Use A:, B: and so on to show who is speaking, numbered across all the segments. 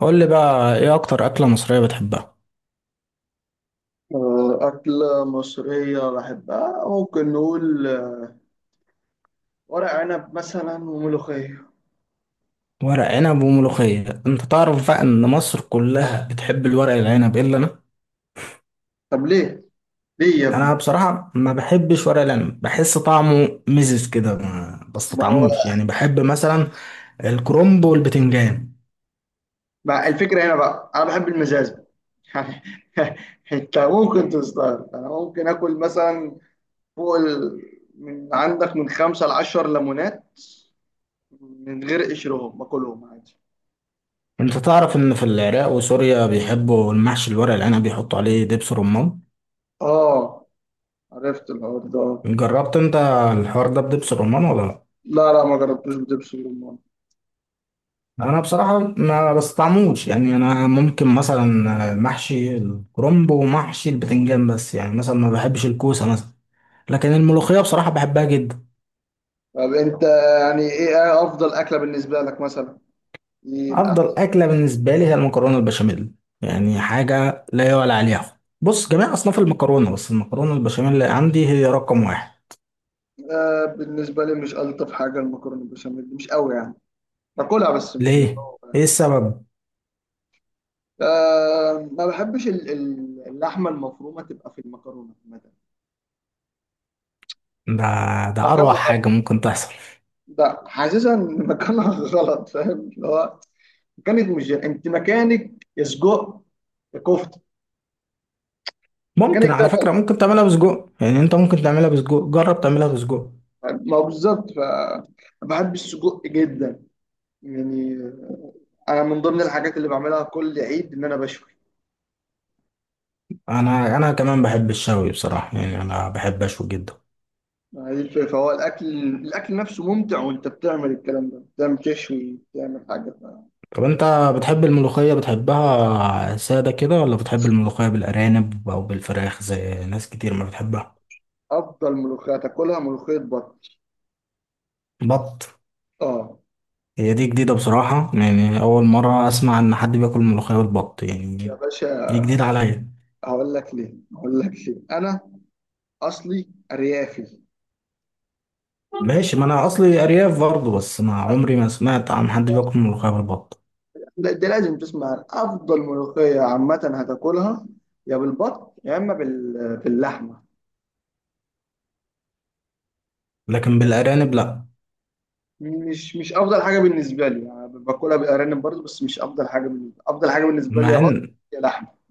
A: قول لي بقى، ايه اكتر اكلة مصرية بتحبها؟
B: آه، أكلة مصرية بحبها، ممكن نقول ورق عنب مثلا وملوخية.
A: ورق عنب وملوخية، انت تعرف بقى ان مصر كلها بتحب الورق العنب الا انا.
B: طب ليه؟ ليه يا
A: انا
B: ابني؟
A: بصراحة ما بحبش ورق العنب، بحس طعمه مزز كده ما
B: ما هو.
A: بستطعموش، يعني بحب مثلا الكرنب والبتنجان.
B: ما الفكرة هنا بقى؟ أنا بحب المزاز. يعني أنت ممكن تستغرب، أنا ممكن آكل مثلا فوق من عندك من 5 لـ10 ليمونات، من غير قشرهم باكلهم عادي.
A: انت تعرف ان في العراق وسوريا بيحبوا المحشي الورق العنب بيحطوا عليه دبس رمان.
B: آه، عرفت الحوار ده.
A: جربت انت الحوار ده بدبس رمان ولا لا؟
B: لا، لا، ما جربتوش بدبس الرمان.
A: انا بصراحه ما بستعملش، يعني انا ممكن مثلا محشي الكرنب ومحشي البتنجان. بس يعني مثلا ما بحبش الكوسه مثلا، لكن الملوخيه بصراحه بحبها جدا.
B: طب أنت، يعني إيه أفضل أكلة بالنسبة لك مثلا؟ إيه؟
A: افضل اكله بالنسبه لي هي المكرونه البشاميل، يعني حاجه لا يعلى عليها. بص، جميع اصناف المكرونه، بس المكرونه البشاميل اللي عندي هي رقم واحد.
B: آه، بالنسبة لي مش ألطف حاجة المكرونة بالبشاميل، مش قوي يعني، باكلها بس مش اللي
A: ليه؟
B: هو
A: ايه
B: يعني.
A: السبب؟
B: آه، ما بحبش اللحمة المفرومة تبقى في المكرونة مثلا.
A: ده ده
B: مكانها
A: اروع حاجه
B: غلط.
A: ممكن تحصل.
B: لا، حاسسها إن مكانها غلط، فاهم اللي هو، مكانك مش جاي. أنت مكانك يا سجق، يا كفتة، مكانك
A: ممكن،
B: ده
A: على فكره،
B: غلط.
A: ممكن تعملها بسجق، يعني انت ممكن تعملها بسجق. جرب تعملها بسجق.
B: ما هو بالظبط. بحب السجق جدا يعني. أنا من ضمن الحاجات اللي بعملها كل عيد إن أنا بشوي.
A: انا كمان بحب الشوي بصراحه، يعني انا بحب اشوي جدا.
B: ما هي دي الفكرة، فهو الأكل، الأكل نفسه ممتع، وأنت بتعمل الكلام ده، بتعمل تشوي، بتعمل حاجة.
A: طب انت بتحب الملوخيه، بتحبها ساده كده ولا بتحب الملوخيه بالارانب او بالفراخ زي ناس كتير ما بتحبها؟
B: أفضل ملوخية تاكلها ملوخية بط.
A: بط؟
B: آه،
A: هي دي جديده بصراحه، يعني اول مره اسمع ان حد بياكل ملوخيه بالبط يعني.
B: يا
A: دي
B: باشا،
A: جديده عليا.
B: هقول لك ليه، هقول لك ليه. أنا أصلي أريافي.
A: ماشي، ما انا اصلي ارياف برضه، بس ما عمري ما سمعت عن حد بياكل ملوخيه بالبط.
B: لا، ده لازم تسمع عن أفضل ملوخية عامة هتاكلها، يا بالبط يا إما باللحمة.
A: لكن بالارانب لا.
B: مش أفضل حاجة بالنسبة لي، يعني باكلها بالأرانب برضه، بس مش أفضل حاجة بالنسبة لي. أفضل حاجة بالنسبة لي يا
A: مع
B: بط،
A: ان
B: يا لحمة.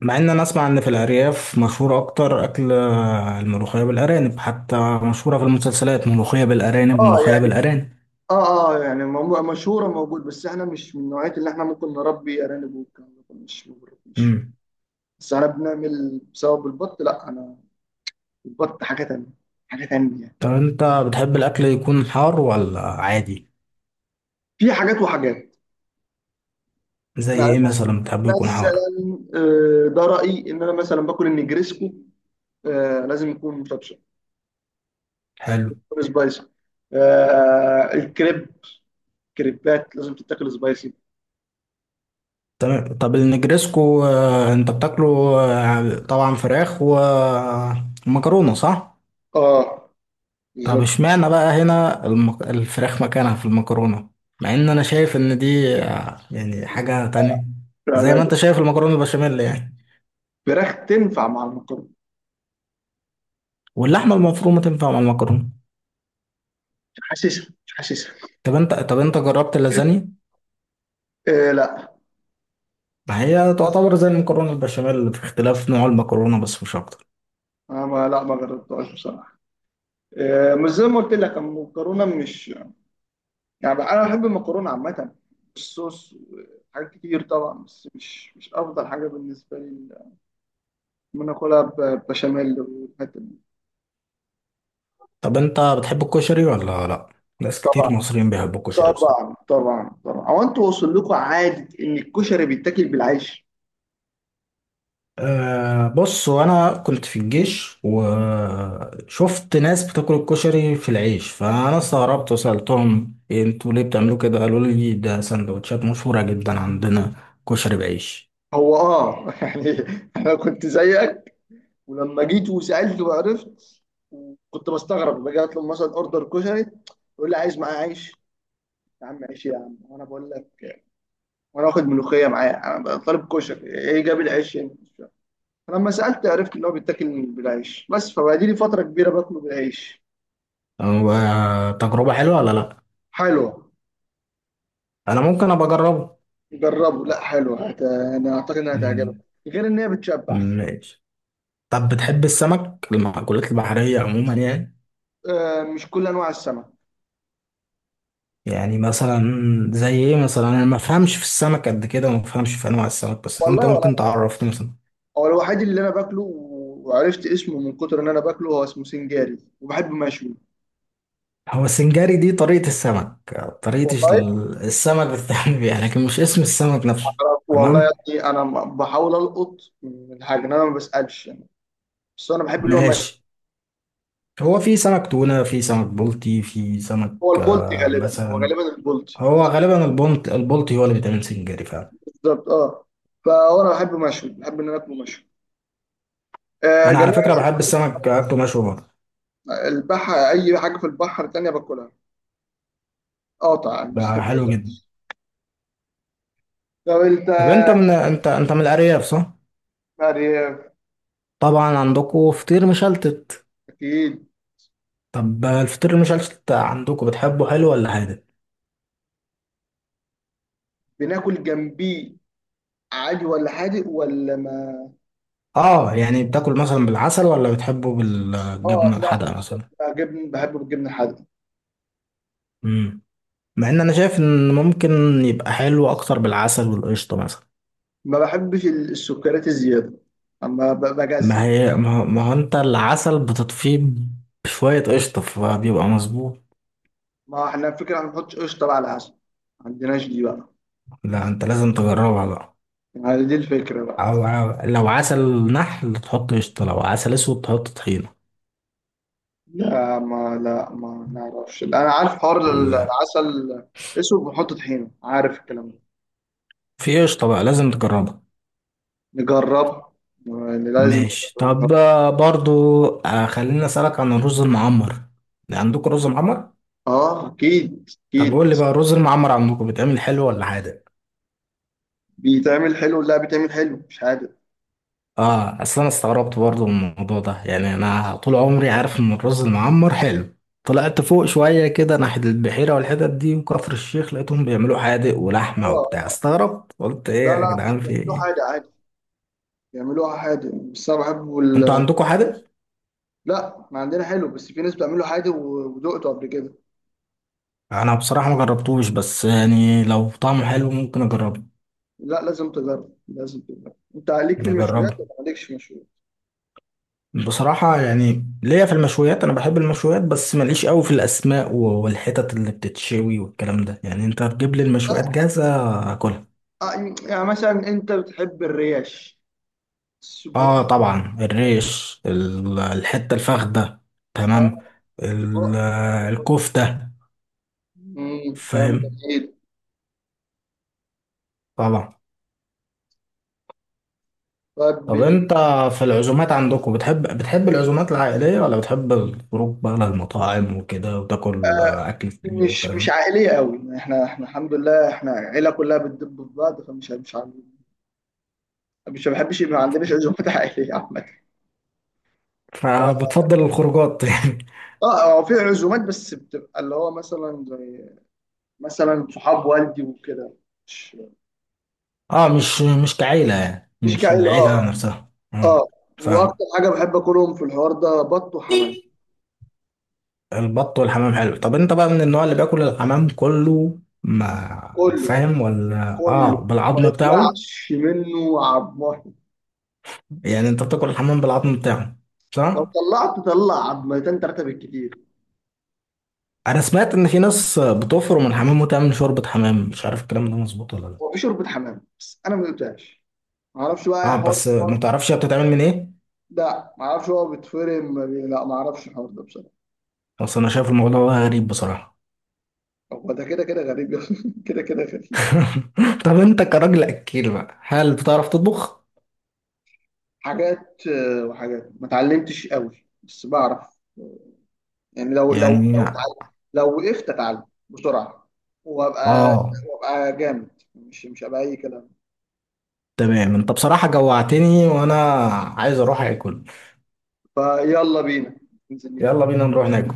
A: مع ان انا اسمع ان في الارياف مشهور اكتر اكل الملوخيه بالارانب، حتى مشهوره في المسلسلات، ملوخيه بالارانب
B: اه
A: ملوخيه
B: يعني،
A: بالارانب.
B: اه، اه، يعني مشهورة موجود، بس احنا مش من نوعية اللي احنا ممكن نربي ارانب والكلام ده كله، مش ما بنربيش.
A: امم.
B: بس انا بنعمل بسبب البط، لا انا البط حاجة تانية، حاجة تانية يعني.
A: طب انت بتحب الاكل يكون حار ولا عادي؟
B: في حاجات وحاجات
A: زي
B: يعني،
A: ايه مثلا؟ بتحب يكون حار؟
B: مثلا، ده رأيي ان انا مثلا باكل النجريسكو، لازم يكون مشطشط،
A: حلو.
B: يكون سبايسي. الكريب، كريبات لازم تتاكل سبايسي.
A: تمام. طب النجريسكو، انت بتاكله؟ طبعا فراخ ومكرونه، صح؟
B: اه،
A: طب
B: بالظبط.
A: اشمعنى بقى هنا الفراخ مكانها في المكرونة؟ مع ان انا شايف ان دي، يعني حاجة تانية.
B: لا،
A: زي
B: لا.
A: ما انت شايف المكرونة البشاميل يعني.
B: الفراخ تنفع مع المكرونة.
A: واللحمة المفرومة تنفع مع المكرونة.
B: مش حاسسها، مش حاسسها.
A: طب انت جربت اللازانيا؟
B: آه، لا.
A: ما هي تعتبر زي المكرونة البشاميل، في اختلاف نوع المكرونة بس، مش اكتر.
B: أنا ما لا، ما جربتهاش بصراحة. آه، مش زي ما قلت لك، المكرونة مش يعني. أنا بحب المكرونة عامة، الصوص، حاجات كتير طبعا، بس مش أفضل حاجة بالنسبة لي إن أنا آكلها ببشاميل والحتة دي.
A: طب انت بتحب الكشري ولا لا؟ ناس كتير
B: طبعا،
A: مصريين بيحبوا الكشري بصراحة.
B: طبعا، طبعا، طبعا. هو أنتوا وصل لكم عادة إن الكشري بيتاكل بالعيش؟
A: أه، بص، وانا كنت في الجيش وشفت ناس بتاكل الكشري في العيش فانا استغربت وسألتهم، إيه انتوا ليه بتعملوا كده؟ قالوا لي ده سندوتشات مشهورة جدا عندنا، كشري بعيش.
B: هو يعني أنا كنت زيك، ولما جيت وسألت وعرفت، كنت بستغرب، باجي أطلب مثلا أوردر كشري، يقول لي عايز معاه عيش. يا عم عيش يا عم، وانا بقول لك وانا واخد ملوخيه معايا، انا طالب كشري، ايه جاب العيش يعني؟ فلما سالت عرفت ان هو بيتاكل بالعيش بس، فبقالي لي فتره كبيره باكله بالعيش.
A: هو تجربة حلوة ولا لا؟
B: حلوه.
A: انا ممكن ابقى اجربه.
B: جربه، لا حلوه، انا اعتقد انها هتعجبك،
A: مم،
B: غير ان هي بتشبع.
A: ماشي. طب بتحب السمك، المأكولات البحرية عموما يعني؟
B: آه، مش كل انواع السمك.
A: يعني مثلا، زي ايه مثلا؟ انا ما فهمش في السمك قد كده وما فهمش في انواع السمك، بس انت
B: والله ولا
A: ممكن
B: أنا.
A: تعرفني مثلا.
B: هو الوحيد اللي انا باكله وعرفت اسمه من كتر ان انا باكله، هو اسمه سنجاري وبحبه مشوي.
A: هو السنجاري دي طريقة السمك، طريقة
B: والله،
A: السمك بتتعمل بيها لكن مش اسم السمك نفسه.
B: والله يا
A: تمام،
B: ابني، انا بحاول القط من الحاجه إن انا ما بسالش يعني. بس انا بحب اللي هو،
A: ماشي. هو في سمك تونة، في سمك بلطي، في سمك
B: هو البولت غالبا، هو
A: مثلا.
B: غالبا البولت.
A: هو غالبا البلطي هو اللي بيتعمل سنجاري فعلا.
B: بالظبط، اه. فانا بحب مشوي، بحب ان انا اكله مشوي. آه،
A: أنا على
B: جميع
A: فكرة بحب السمك أكله مشوي برضه.
B: البحر، اي حاجه في البحر تانية باكلها، قاطع مش
A: بقى حلو جدا.
B: طب انت
A: طب أنت من أنت من الأرياف صح؟
B: مريم.
A: طبعا عندكم فطير مشلتت.
B: اكيد.
A: طب الفطير المشلتت عندكم بتحبه حلو ولا حادق؟
B: بناكل جنبيه عادي ولا حادق ولا ما.
A: اه يعني، بتاكل مثلا بالعسل ولا بتحبه
B: اه،
A: بالجبنة الحادقة
B: لا.
A: مثلا؟
B: جبن، بحبه بالجبن الحادق.
A: امم مع ان انا شايف ان ممكن يبقى حلو اكتر بالعسل والقشطة مثلا.
B: ما بحبش السكريات الزياده، اما
A: ما
B: بجزع.
A: هي ما هو ما هو انت العسل بتطفيه بشوية قشطة فبيبقى مظبوط.
B: ما احنا الفكره ما بنحطش قشطه بقى على العسل، ما عندناش دي بقى،
A: لا، انت لازم تجربها بقى.
B: يعني دي الفكره بقى.
A: لو عسل نحل تحط قشطة، لو عسل اسود تحط طحينة.
B: لا، ما نعرفش، انا عارف حوار
A: لا،
B: العسل اسود بنحط طحينه، عارف الكلام ده.
A: في قشطة بقى لازم تجربها.
B: نجرب، يعني لازم
A: ماشي.
B: نجرب، نجرب.
A: طب، برضو خليني اسألك عن الرز المعمر. عندكم رز معمر؟
B: اه، اكيد
A: طب
B: اكيد.
A: قول لي بقى الرز المعمر عندكم بيتعمل حلو ولا حادق؟
B: بيتعمل حلو، لا بيتعمل حلو مش عادي.
A: اه، اصل انا استغربت برضو من الموضوع ده، يعني انا طول عمري عارف ان الرز المعمر حلو. طلعت فوق شوية كده ناحية البحيرة والحتت دي وكفر الشيخ، لقيتهم بيعملوا حادق ولحمة وبتاع.
B: اه،
A: استغربت قلت، ايه
B: لا،
A: يا
B: لا،
A: جدعان؟ في
B: بيعملوه حادق
A: ايه؟
B: عادي، بيعملوها حادق، بس انا بحبه
A: انتوا عندكم حادق؟
B: لا احنا عندنا حلو، بس في ناس بتعمله حادق ودقته قبل كده.
A: انا بصراحة ما جربتوش، بس يعني لو طعمه حلو ممكن اجربه.
B: لا لازم تجرب، لازم تجرب. انت عليك في المشويات
A: نجربه.
B: ولا مالكش في المشويات؟
A: بصراحة يعني ليا في المشويات، أنا بحب المشويات، بس ماليش قوي في الأسماء والحتت اللي بتتشوي والكلام ده، يعني أنت تجيب لي المشويات جاهزة أكلها.
B: آه، يعني مثلا انت بتحب الريش،
A: آه
B: السجق.
A: طبعا الريش، الحتة الفخدة.
B: آه،
A: تمام.
B: أصدقاء
A: ال-
B: الكلام ده كله.
A: الكفتة.
B: الكلام
A: فاهم،
B: جميل.
A: طبعا.
B: طيب،
A: طب أنت
B: بالنسبة.
A: في العزومات عندكم، بتحب العزومات العائلية ولا بتحب الخروج بقى للمطاعم وكده وتاكل أكل سريع
B: مش
A: والكلام ده؟
B: عائلية قوي يعني، احنا الحمد لله احنا عيلة كلها بتدب في بعض، فمش مش عن- مش ما بحبش يبقى، ما عندناش عزومات عائلية عامة.
A: فبتفضل الخروجات.
B: اه، هو في عزومات، بس بتبقى اللي هو مثلا، زي مثلا صحاب والدي وكده. مش،
A: اه، مش كعيلة يعني
B: مش
A: مش
B: كعيلة،
A: العيلة
B: اه،
A: نفسها،
B: اه،
A: اه.
B: اه.
A: فاهم.
B: واكتر حاجة بحب اكلهم في الحوار ده بط وحمام.
A: البط والحمام حلو. طب انت بقى من النوع اللي بياكل الحمام كله ما
B: كله،
A: فاهم، ولا
B: كله،
A: اه
B: ما
A: بالعظم بتاعه؟
B: يطلعش منه عضمه.
A: يعني انت بتاكل الحمام بالعظم بتاعه،
B: لو
A: صح؟
B: طلعت طلع عضمتين ثلاثة بالكتير.
A: انا سمعت ان في ناس بتفرم الحمام وتعمل شوربة حمام، مش عارف الكلام ده مظبوط ولا
B: هو
A: لا.
B: في شوربه حمام بس انا ما دقتهاش، ما اعرفش بقى يا
A: اه،
B: حوار
A: بس
B: الفرن.
A: ما تعرفش هي بتتعمل من ايه؟
B: لا ما اعرفش، هو بيتفرم، ما بي- لا ما اعرفش الحوار ده بصراحه.
A: بس انا شايف الموضوع ده غريب بصراحة.
B: هو ده كده كده غريب يا أخي. كده كده غريب.
A: طب انت كراجل اكيل بقى، هل بتعرف تطبخ؟
B: حاجات، وحاجات ما اتعلمتش قوي، بس بعرف يعني، لو لو
A: يعني،
B: لو اتعلم، لو وقفت اتعلم بسرعه، وابقى
A: اه.
B: وابقى جامد، مش هبقى اي كلام.
A: تمام، انت بصراحة جوعتني وانا عايز اروح اكل.
B: فيلا بينا، ننزل نجيب.
A: يلا بينا نروح ناكل.